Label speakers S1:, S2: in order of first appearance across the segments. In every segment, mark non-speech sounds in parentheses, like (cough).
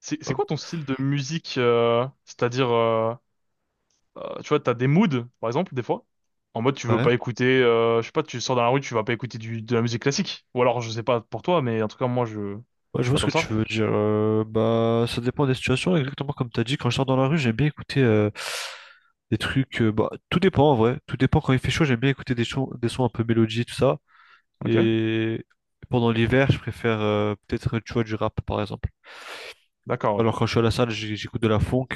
S1: C'est
S2: Hop,
S1: quoi ton style de musique, c'est-à-dire tu vois, t'as des moods par exemple. Des fois en mode tu veux
S2: ouais.
S1: pas écouter, je sais pas, tu sors dans la rue, tu vas pas écouter de la musique classique, ou alors je sais pas pour toi, mais en tout cas moi je
S2: Ouais,
S1: je
S2: je
S1: suis
S2: vois
S1: pas
S2: ce que
S1: comme
S2: tu
S1: ça.
S2: veux dire. Bah, ça dépend des situations. Exactement comme tu as dit, quand je sors dans la rue, j'aime bien écouter des trucs. Bah, tout dépend en vrai. Tout dépend quand il fait chaud, j'aime bien écouter des sons un peu mélodie, tout ça.
S1: Ok.
S2: Et pendant l'hiver, je préfère peut-être, tu vois, du rap par exemple.
S1: D'accord, ouais.
S2: Alors quand je suis à la salle, j'écoute de la funk.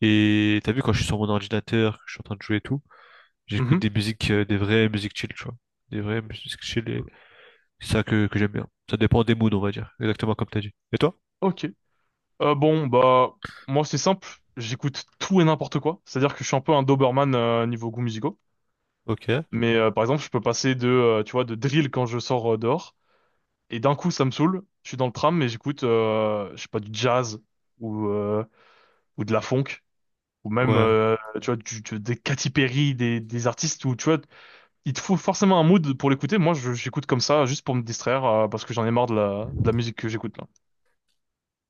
S2: Et t'as vu, quand je suis sur mon ordinateur, que je suis en train de jouer et tout, j'écoute
S1: Mhm.
S2: des musiques, des vraies musiques chill, tu vois. Des vraies musiques chill, et c'est ça que j'aime bien. Ça dépend des moods, on va dire. Exactement comme t'as dit. Et toi?
S1: Ok. Bon bah moi c'est simple, j'écoute tout et n'importe quoi. C'est-à-dire que je suis un peu un Doberman, niveau goût musicaux.
S2: Ok.
S1: Mais par exemple je peux passer de, tu vois, de drill quand je sors dehors. Et d'un coup, ça me saoule. Je suis dans le tram, mais j'écoute, je sais pas, du jazz ou euh, ou de la funk, ou même,
S2: Ouais,
S1: tu vois, des Katy Perry, des artistes où, tu vois, il te faut forcément un mood pour l'écouter. Moi, j'écoute comme ça, juste pour me distraire, parce que j'en ai marre de la musique que j'écoute là.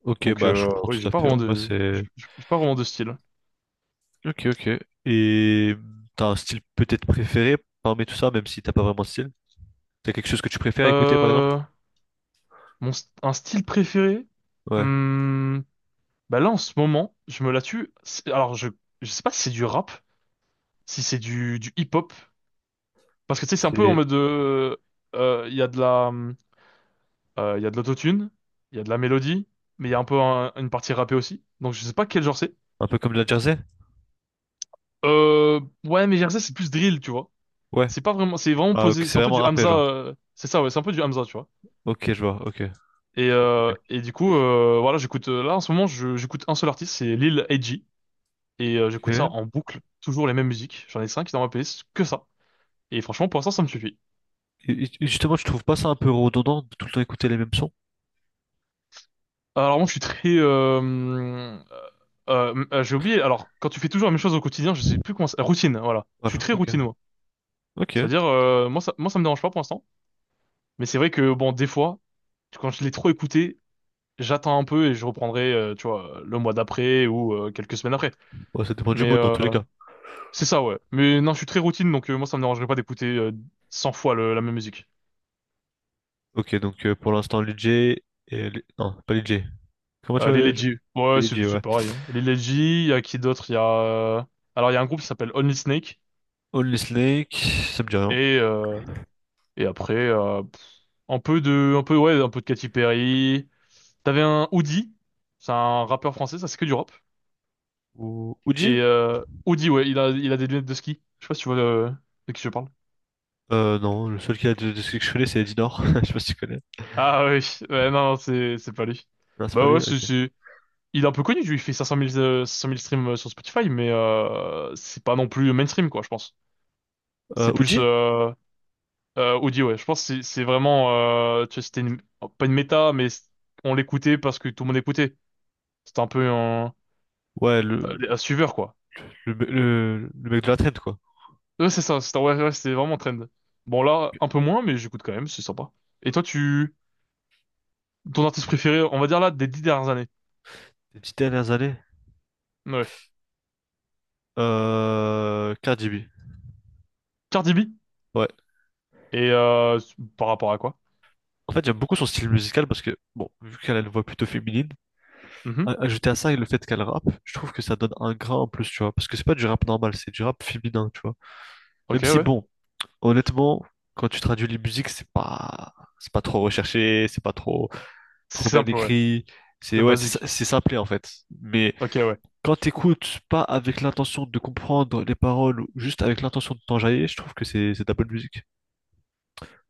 S2: ok,
S1: Donc,
S2: bah je comprends
S1: oui,
S2: tout
S1: j'ai
S2: à
S1: pas
S2: fait.
S1: vraiment
S2: En vrai,
S1: de, j'ai
S2: c'est.
S1: j'ai pas vraiment de style.
S2: Ok, ok. Et t'as un style peut-être préféré parmi tout ça, même si t'as pas vraiment de style? T'as quelque chose que tu préfères écouter, par exemple?
S1: Euh, un style préféré.
S2: Ouais.
S1: Hmm, bah là, en ce moment, je me la tue. Alors, je sais pas si c'est du rap, si c'est du hip-hop. Parce que tu sais, c'est un peu en
S2: C'est
S1: mode de, il y a de la, il y a de l'autotune, il y a de la mélodie, mais il y a un peu une partie rappée aussi. Donc je sais pas quel genre c'est.
S2: un peu comme de la jersey?
S1: Euh, ouais, mais Jersey c'est plus drill, tu vois.
S2: Ouais.
S1: C'est pas vraiment, c'est vraiment
S2: Ah, ok,
S1: posé,
S2: c'est
S1: c'est un peu
S2: vraiment
S1: du
S2: rappé,
S1: Hamza,
S2: genre.
S1: c'est ça, ouais, c'est un peu du Hamza, tu vois.
S2: Ok, je vois, ok. Ok.
S1: Et du coup, voilà, j'écoute, là en ce moment, j'écoute un seul artiste, c'est Lil Edgy, et j'écoute ça
S2: Ok.
S1: en boucle, toujours les mêmes musiques. J'en ai cinq dans ma playlist, que ça. Et franchement, pour l'instant, ça me suffit.
S2: Et justement, je trouve pas ça un peu redondant de tout le temps écouter les mêmes sons?
S1: Alors moi je suis très j'ai oublié. Alors quand tu fais toujours la même chose au quotidien, je sais plus comment routine, voilà, je suis
S2: Voilà,
S1: très
S2: ok.
S1: routine moi.
S2: Ok.
S1: C'est-à-dire, moi ça me dérange pas pour l'instant, mais c'est vrai que bon, des fois, quand je l'ai trop écouté, j'attends un peu et je reprendrai, tu vois, le mois d'après ou quelques semaines après.
S2: Bon, ça dépend du
S1: Mais
S2: mood dans tous les cas.
S1: c'est ça, ouais. Mais non, je suis très routine, donc moi ça me dérangerait pas d'écouter, 100 fois la même musique.
S2: Ok, donc pour l'instant, Lidj et. Non, pas Lidj. Comment tu
S1: Les
S2: vas?
S1: Ledji, ouais,
S2: Lidj,
S1: c'est
S2: ouais.
S1: pareil, hein. Les Ledji, il y a qui d'autre, il y a alors il y a un groupe qui s'appelle Only Snake,
S2: Only Snake, ça me dit rien.
S1: et et après, un peu de, un peu, ouais, un peu de Katy Perry. T'avais un Oudi, c'est un rappeur français, ça c'est que du rap.
S2: Uji?
S1: Et Oudi, ouais, il a des lunettes de ski. Je sais pas si tu vois, de qui je parle.
S2: Non, le seul qui a de ce que je connais, c'est Eddie Nord. (laughs) Je sais pas si tu connais.
S1: Ah oui, (laughs) ouais, non, non, c'est pas lui.
S2: Non, c'est pas
S1: Bah
S2: lui,
S1: ouais,
S2: ok.
S1: il est un peu connu, lui, il fait 500 000, 500 000 streams, sur Spotify, mais c'est pas non plus mainstream, quoi, je pense. C'est plus
S2: Uji?
S1: Oudi, ouais. Je pense que c'est vraiment, tu vois, pas une méta, mais on l'écoutait parce que tout le monde écoutait. C'était un peu
S2: Ouais,
S1: un suiveur, quoi.
S2: le, me- le, le mec de la trend, quoi.
S1: Ouais, c'est ça, Star Wars, ouais, c'était vraiment trend. Bon, là, un peu moins, mais j'écoute quand même, c'est sympa. Et toi, tu, ton artiste préféré, on va dire là, des dix dernières années.
S2: Les 10 dernières années.
S1: Ouais.
S2: Cardi B.
S1: Cardi B.
S2: Ouais.
S1: Et par rapport à quoi?
S2: En fait, j'aime beaucoup son style musical parce que, bon, vu qu'elle a une voix plutôt féminine,
S1: Mhm.
S2: ajouter à ça le fait qu'elle rappe, je trouve que ça donne un grain en plus, tu vois. Parce que c'est pas du rap normal, c'est du rap féminin, tu vois.
S1: Ok,
S2: Même si,
S1: ouais.
S2: bon, honnêtement, quand tu traduis les musiques, c'est pas trop recherché, c'est pas trop.
S1: C'est
S2: Trop bien
S1: simple, ouais.
S2: écrit. C'est
S1: C'est
S2: ouais, c'est
S1: basique.
S2: c'est simplé en fait. Mais
S1: Ok, ouais.
S2: quand t'écoutes pas avec l'intention de comprendre les paroles, ou juste avec l'intention de t'enjailler, je trouve que c'est de la bonne musique.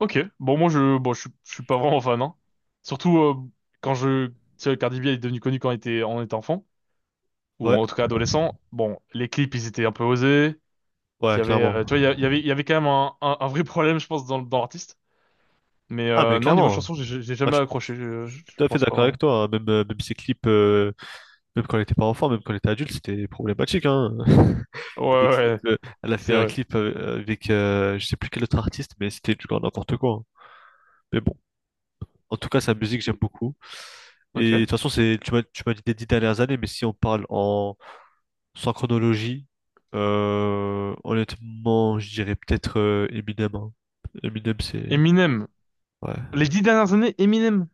S1: Ok. Bon, moi, je, bon, je suis je suis pas vraiment fan, hein. Surtout, quand je, tu sais, Cardi B est devenu connu quand on était enfant. Ou
S2: Ouais,
S1: en tout cas adolescent. Bon, les clips, ils étaient un peu osés. Il
S2: ouais,
S1: y avait,
S2: clairement.
S1: tu vois, il y avait quand même un vrai problème, je pense, dans l'artiste. Mais
S2: Ah mais
S1: non, niveau
S2: clairement.
S1: chanson,
S2: Ah, je
S1: jamais
S2: suis
S1: accroché, je,
S2: tout
S1: je
S2: à fait
S1: pense pas
S2: d'accord avec
S1: vraiment.
S2: toi, hein. Même même ces clips, même quand elle était pas enfant, même quand elle était adulte, c'était problématique, hein. (laughs) Il
S1: Ouais,
S2: y a des
S1: ouais,
S2: clips,
S1: ouais,
S2: elle a fait
S1: c'est
S2: un
S1: vrai.
S2: clip avec je sais plus quel autre artiste, mais c'était du grand n'importe quoi, hein. Mais bon. En tout cas, sa musique, j'aime beaucoup. Et de
S1: Ok.
S2: toute façon, c'est, tu m'as dit des 10 dernières années, mais si on parle sans chronologie, honnêtement, je dirais peut-être Eminem, hein. Eminem, c'est.
S1: Eminem.
S2: Ouais.
S1: Les dix dernières années, Eminem.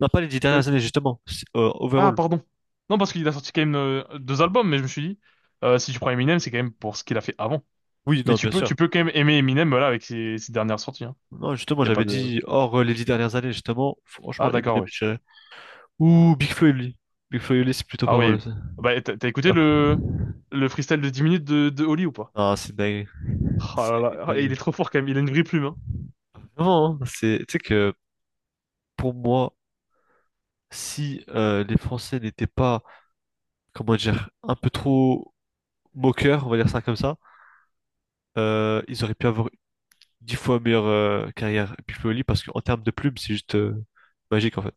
S2: Non, pas les 10
S1: Euh,
S2: dernières années, justement,
S1: Ah,
S2: overall.
S1: pardon. Non, parce qu'il a sorti quand même deux albums, mais je me suis dit, si tu prends Eminem, c'est quand même pour ce qu'il a fait avant.
S2: Oui,
S1: Mais
S2: non, bien sûr.
S1: tu peux quand même aimer Eminem, voilà, avec ses, ses dernières sorties. Hein.
S2: Non, justement,
S1: Y a pas
S2: j'avais
S1: de…
S2: dit hors les 10 dernières années, justement. Franchement,
S1: Ah, d'accord,
S2: Eminem,
S1: ouais.
S2: je dirais. Ou Big Flo et Oli. Big Flo et Oli, c'est plutôt
S1: Ah,
S2: pas mal
S1: ouais.
S2: aussi.
S1: Bah, t'as écouté
S2: Après.
S1: le freestyle de 10 minutes de Oli ou pas?
S2: Ah, c'est dingue.
S1: Oh là
S2: C'est
S1: là, et il est
S2: dingue.
S1: trop fort quand même, il a une vraie plume, hein.
S2: Vraiment, hein, c'est. Tu sais que pour moi. Si les Français n'étaient pas, comment dire, un peu trop moqueurs, on va dire ça comme ça, ils auraient pu avoir 10 fois meilleure carrière Pioli parce qu'en termes de plumes, c'est juste magique en fait.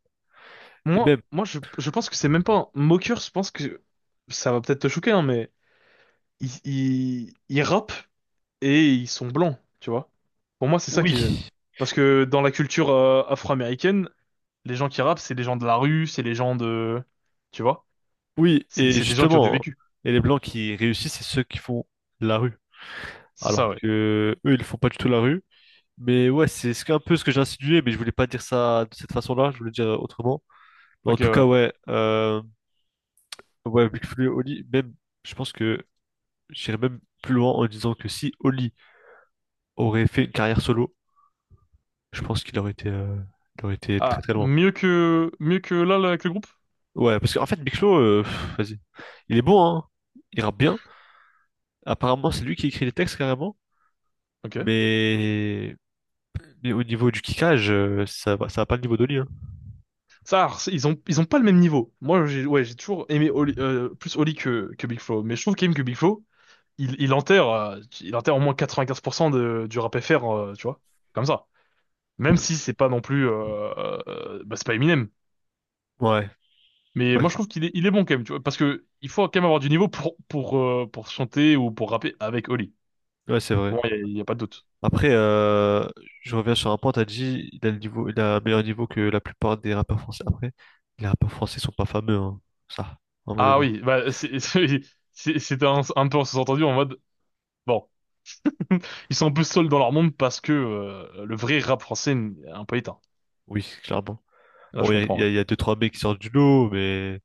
S2: Et
S1: Moi,
S2: même,
S1: je pense que c'est même pas un moqueur, je pense que ça va peut-être te choquer, hein, mais ils rappent et ils sont blancs, tu vois. Pour moi, c'est ça qui gêne.
S2: oui,
S1: Parce que dans la culture, afro-américaine, les gens qui rappent, c'est les gens de la rue, c'est les gens de… Tu vois?
S2: oui,
S1: C'est
S2: et
S1: c'est des gens qui ont du
S2: justement,
S1: vécu.
S2: et les Blancs qui réussissent, c'est ceux qui font la rue.
S1: C'est ça,
S2: Alors
S1: ouais.
S2: que eux, ils font pas du tout la rue. Mais ouais, un peu ce que j'ai insinué, mais je voulais pas dire ça de cette façon-là, je voulais dire autrement. Mais en
S1: Ok,
S2: tout cas,
S1: ouais.
S2: ouais, ouais, Big Flo et Oli, même, je pense que j'irais même plus loin en disant que si Oli aurait fait une carrière solo, je pense qu'il aurait été, il aurait été très
S1: Ah,
S2: très loin.
S1: mieux que là, là, avec le groupe?
S2: Ouais, parce qu'en fait, Big Flo, vas-y. Il est bon, hein. Il rappe bien. Apparemment, c'est lui qui écrit les textes carrément.
S1: Ok.
S2: Mais, mais au niveau du kickage, ça va pas le niveau d'Oli, hein.
S1: Ça, alors, ils ont pas le même niveau. Moi, j'ai, ouais, j'ai toujours aimé plus Oli que Big Flo, mais je trouve quand même que Big Flo, il enterre au moins 95% de, du rap FR, tu vois, comme ça. Même si c'est pas non plus, bah, c'est pas Eminem.
S2: Ouais,
S1: Mais
S2: ouais,
S1: moi je trouve qu'il est, il est bon quand même, tu vois, parce que il faut quand même avoir du niveau pour pour chanter ou pour rapper avec Oli.
S2: ouais, c'est vrai.
S1: Bon, il y a il y a pas de doute.
S2: Après, je reviens sur un point, t'as dit, il a le niveau, il a un meilleur niveau que la plupart des rappeurs français. Après, les rappeurs français sont pas fameux, hein, ça, en mode
S1: Ah
S2: vrai.
S1: oui, bah c'est (laughs) c'était un peu en sous-entendu en mode bon, ils sont un peu seuls dans leur monde, parce que le vrai rap français est un peu éteint.
S2: Oui, clairement.
S1: Là
S2: Bon,
S1: je
S2: il y a, il
S1: comprends,
S2: y a-
S1: ouais.
S2: il y a deux, trois mecs qui sortent du lot, mais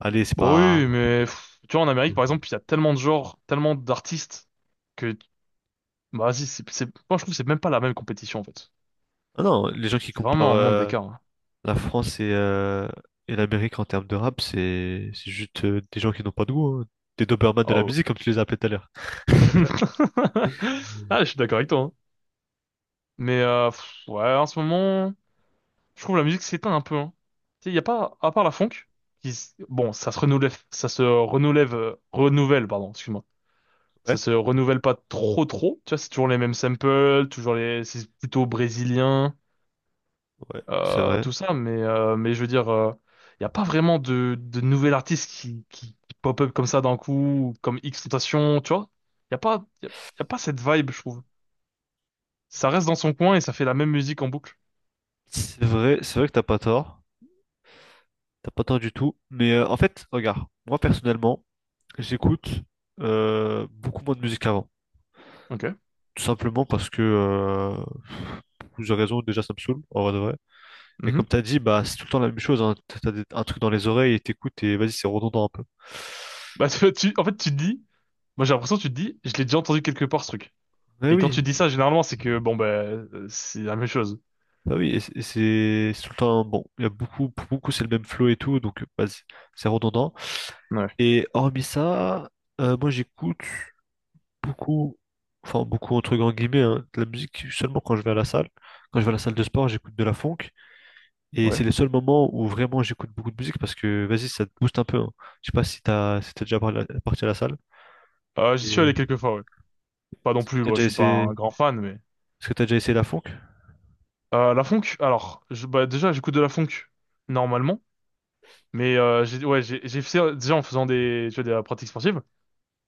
S2: allez, c'est
S1: Bon oui,
S2: pas.
S1: mais pff, tu vois en Amérique par exemple, il y a tellement de genres, tellement d'artistes que… Bah, vas-y, moi, je trouve que c'est même pas la même compétition, en fait.
S2: Ah non, les gens qui
S1: C'est
S2: comparent
S1: vraiment un monde d'écart, hein.
S2: la France et l'Amérique en termes de rap, c'est c'est juste des gens qui n'ont pas de goût, hein. Des Dobermans de la
S1: Oh.
S2: musique, comme tu les as appelés tout à l'heure.
S1: (laughs) Ah, je suis d'accord avec toi, hein. Mais, pff, ouais, en ce moment, je trouve la musique s'éteint un peu. Hein. Tu sais, il y a pas, à part la funk, bon, ça se renouvelle, renouvelle, pardon, excuse-moi. Ça
S2: Ouais,
S1: se renouvelle pas trop, trop. Tu vois, c'est toujours les mêmes samples, toujours c'est plutôt brésilien.
S2: ouais, c'est vrai.
S1: Tout ça, mais je veux dire, il n'y a pas vraiment de nouvel artiste qui, qui pop-up comme ça d'un coup, comme X-Tentation, tu vois? Il n'y a pas, y a pas cette vibe, je trouve. Ça reste dans son coin et ça fait la même musique en boucle.
S2: C'est vrai, c'est vrai que t'as pas tort. T'as pas tort du tout. Mais en fait, regarde, moi personnellement, j'écoute beaucoup moins de musique qu'avant.
S1: Ok.
S2: Tout simplement parce que pour plusieurs raisons, déjà ça me saoule, en vrai de vrai. Et comme
S1: Mhm.
S2: t'as dit, bah c'est tout le temps la même chose, hein. Un truc dans les oreilles et t'écoutes et vas-y, c'est redondant un peu.
S1: Bah, en fait, tu te dis, moi j'ai l'impression que tu te dis, je l'ai déjà entendu quelque part ce truc.
S2: Mais
S1: Et quand tu
S2: oui,
S1: dis ça, généralement, c'est que, bon, bah, c'est la même chose.
S2: bah oui, c'est tout le temps bon, il y a beaucoup, pour beaucoup c'est le même flow et tout, donc vas-y, c'est redondant.
S1: Ouais.
S2: Et hormis ça, moi j'écoute beaucoup, enfin beaucoup entre grands guillemets, hein, de la musique seulement quand je vais à la salle. Quand je vais à la salle de sport, j'écoute de la funk. Et
S1: Ouais.
S2: c'est les seuls moments où vraiment j'écoute beaucoup de musique parce que vas-y, ça te booste un peu, hein. Je sais pas si t'as si t'es déjà parti à la salle.
S1: J'y suis
S2: Et
S1: allé quelques fois, ouais. Pas non
S2: est-ce que
S1: plus,
S2: t'as
S1: moi
S2: déjà
S1: je suis pas un
S2: essayé,
S1: grand fan, mais…
S2: est-ce que t'as déjà essayé, la funk?
S1: La funk, alors, je, bah, déjà j'écoute de la funk, normalement. Mais j'ai ouais, j'ai fait déjà en faisant des, tu vois, de la pratique sportive,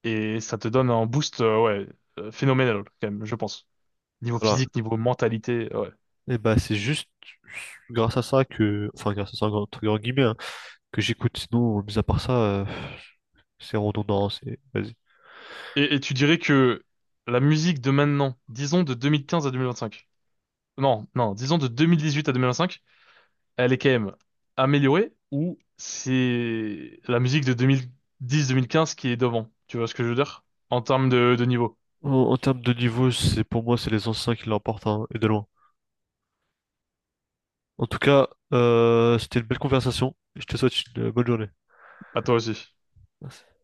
S1: et ça te donne un boost, ouais, phénoménal quand même, je pense. Niveau
S2: Voilà.
S1: physique, niveau mentalité, ouais.
S2: Et bah c'est juste grâce à ça que, enfin grâce à ça entre grands guillemets, hein, que j'écoute. Sinon, mis à part ça, c'est redondant, c'est. Vas-y.
S1: Et tu dirais que la musique de maintenant, disons de 2015 à 2025. Non, non, disons de 2018 à 2025, elle est quand même améliorée, ou c'est la musique de 2010-2015 qui est devant. Tu vois ce que je veux dire? En termes de niveau.
S2: En, en termes de niveau, c'est pour moi, c'est les anciens qui l'emportent, hein, et de loin. En tout cas, c'était une belle conversation. Je te souhaite une bonne journée.
S1: À toi aussi.
S2: Merci.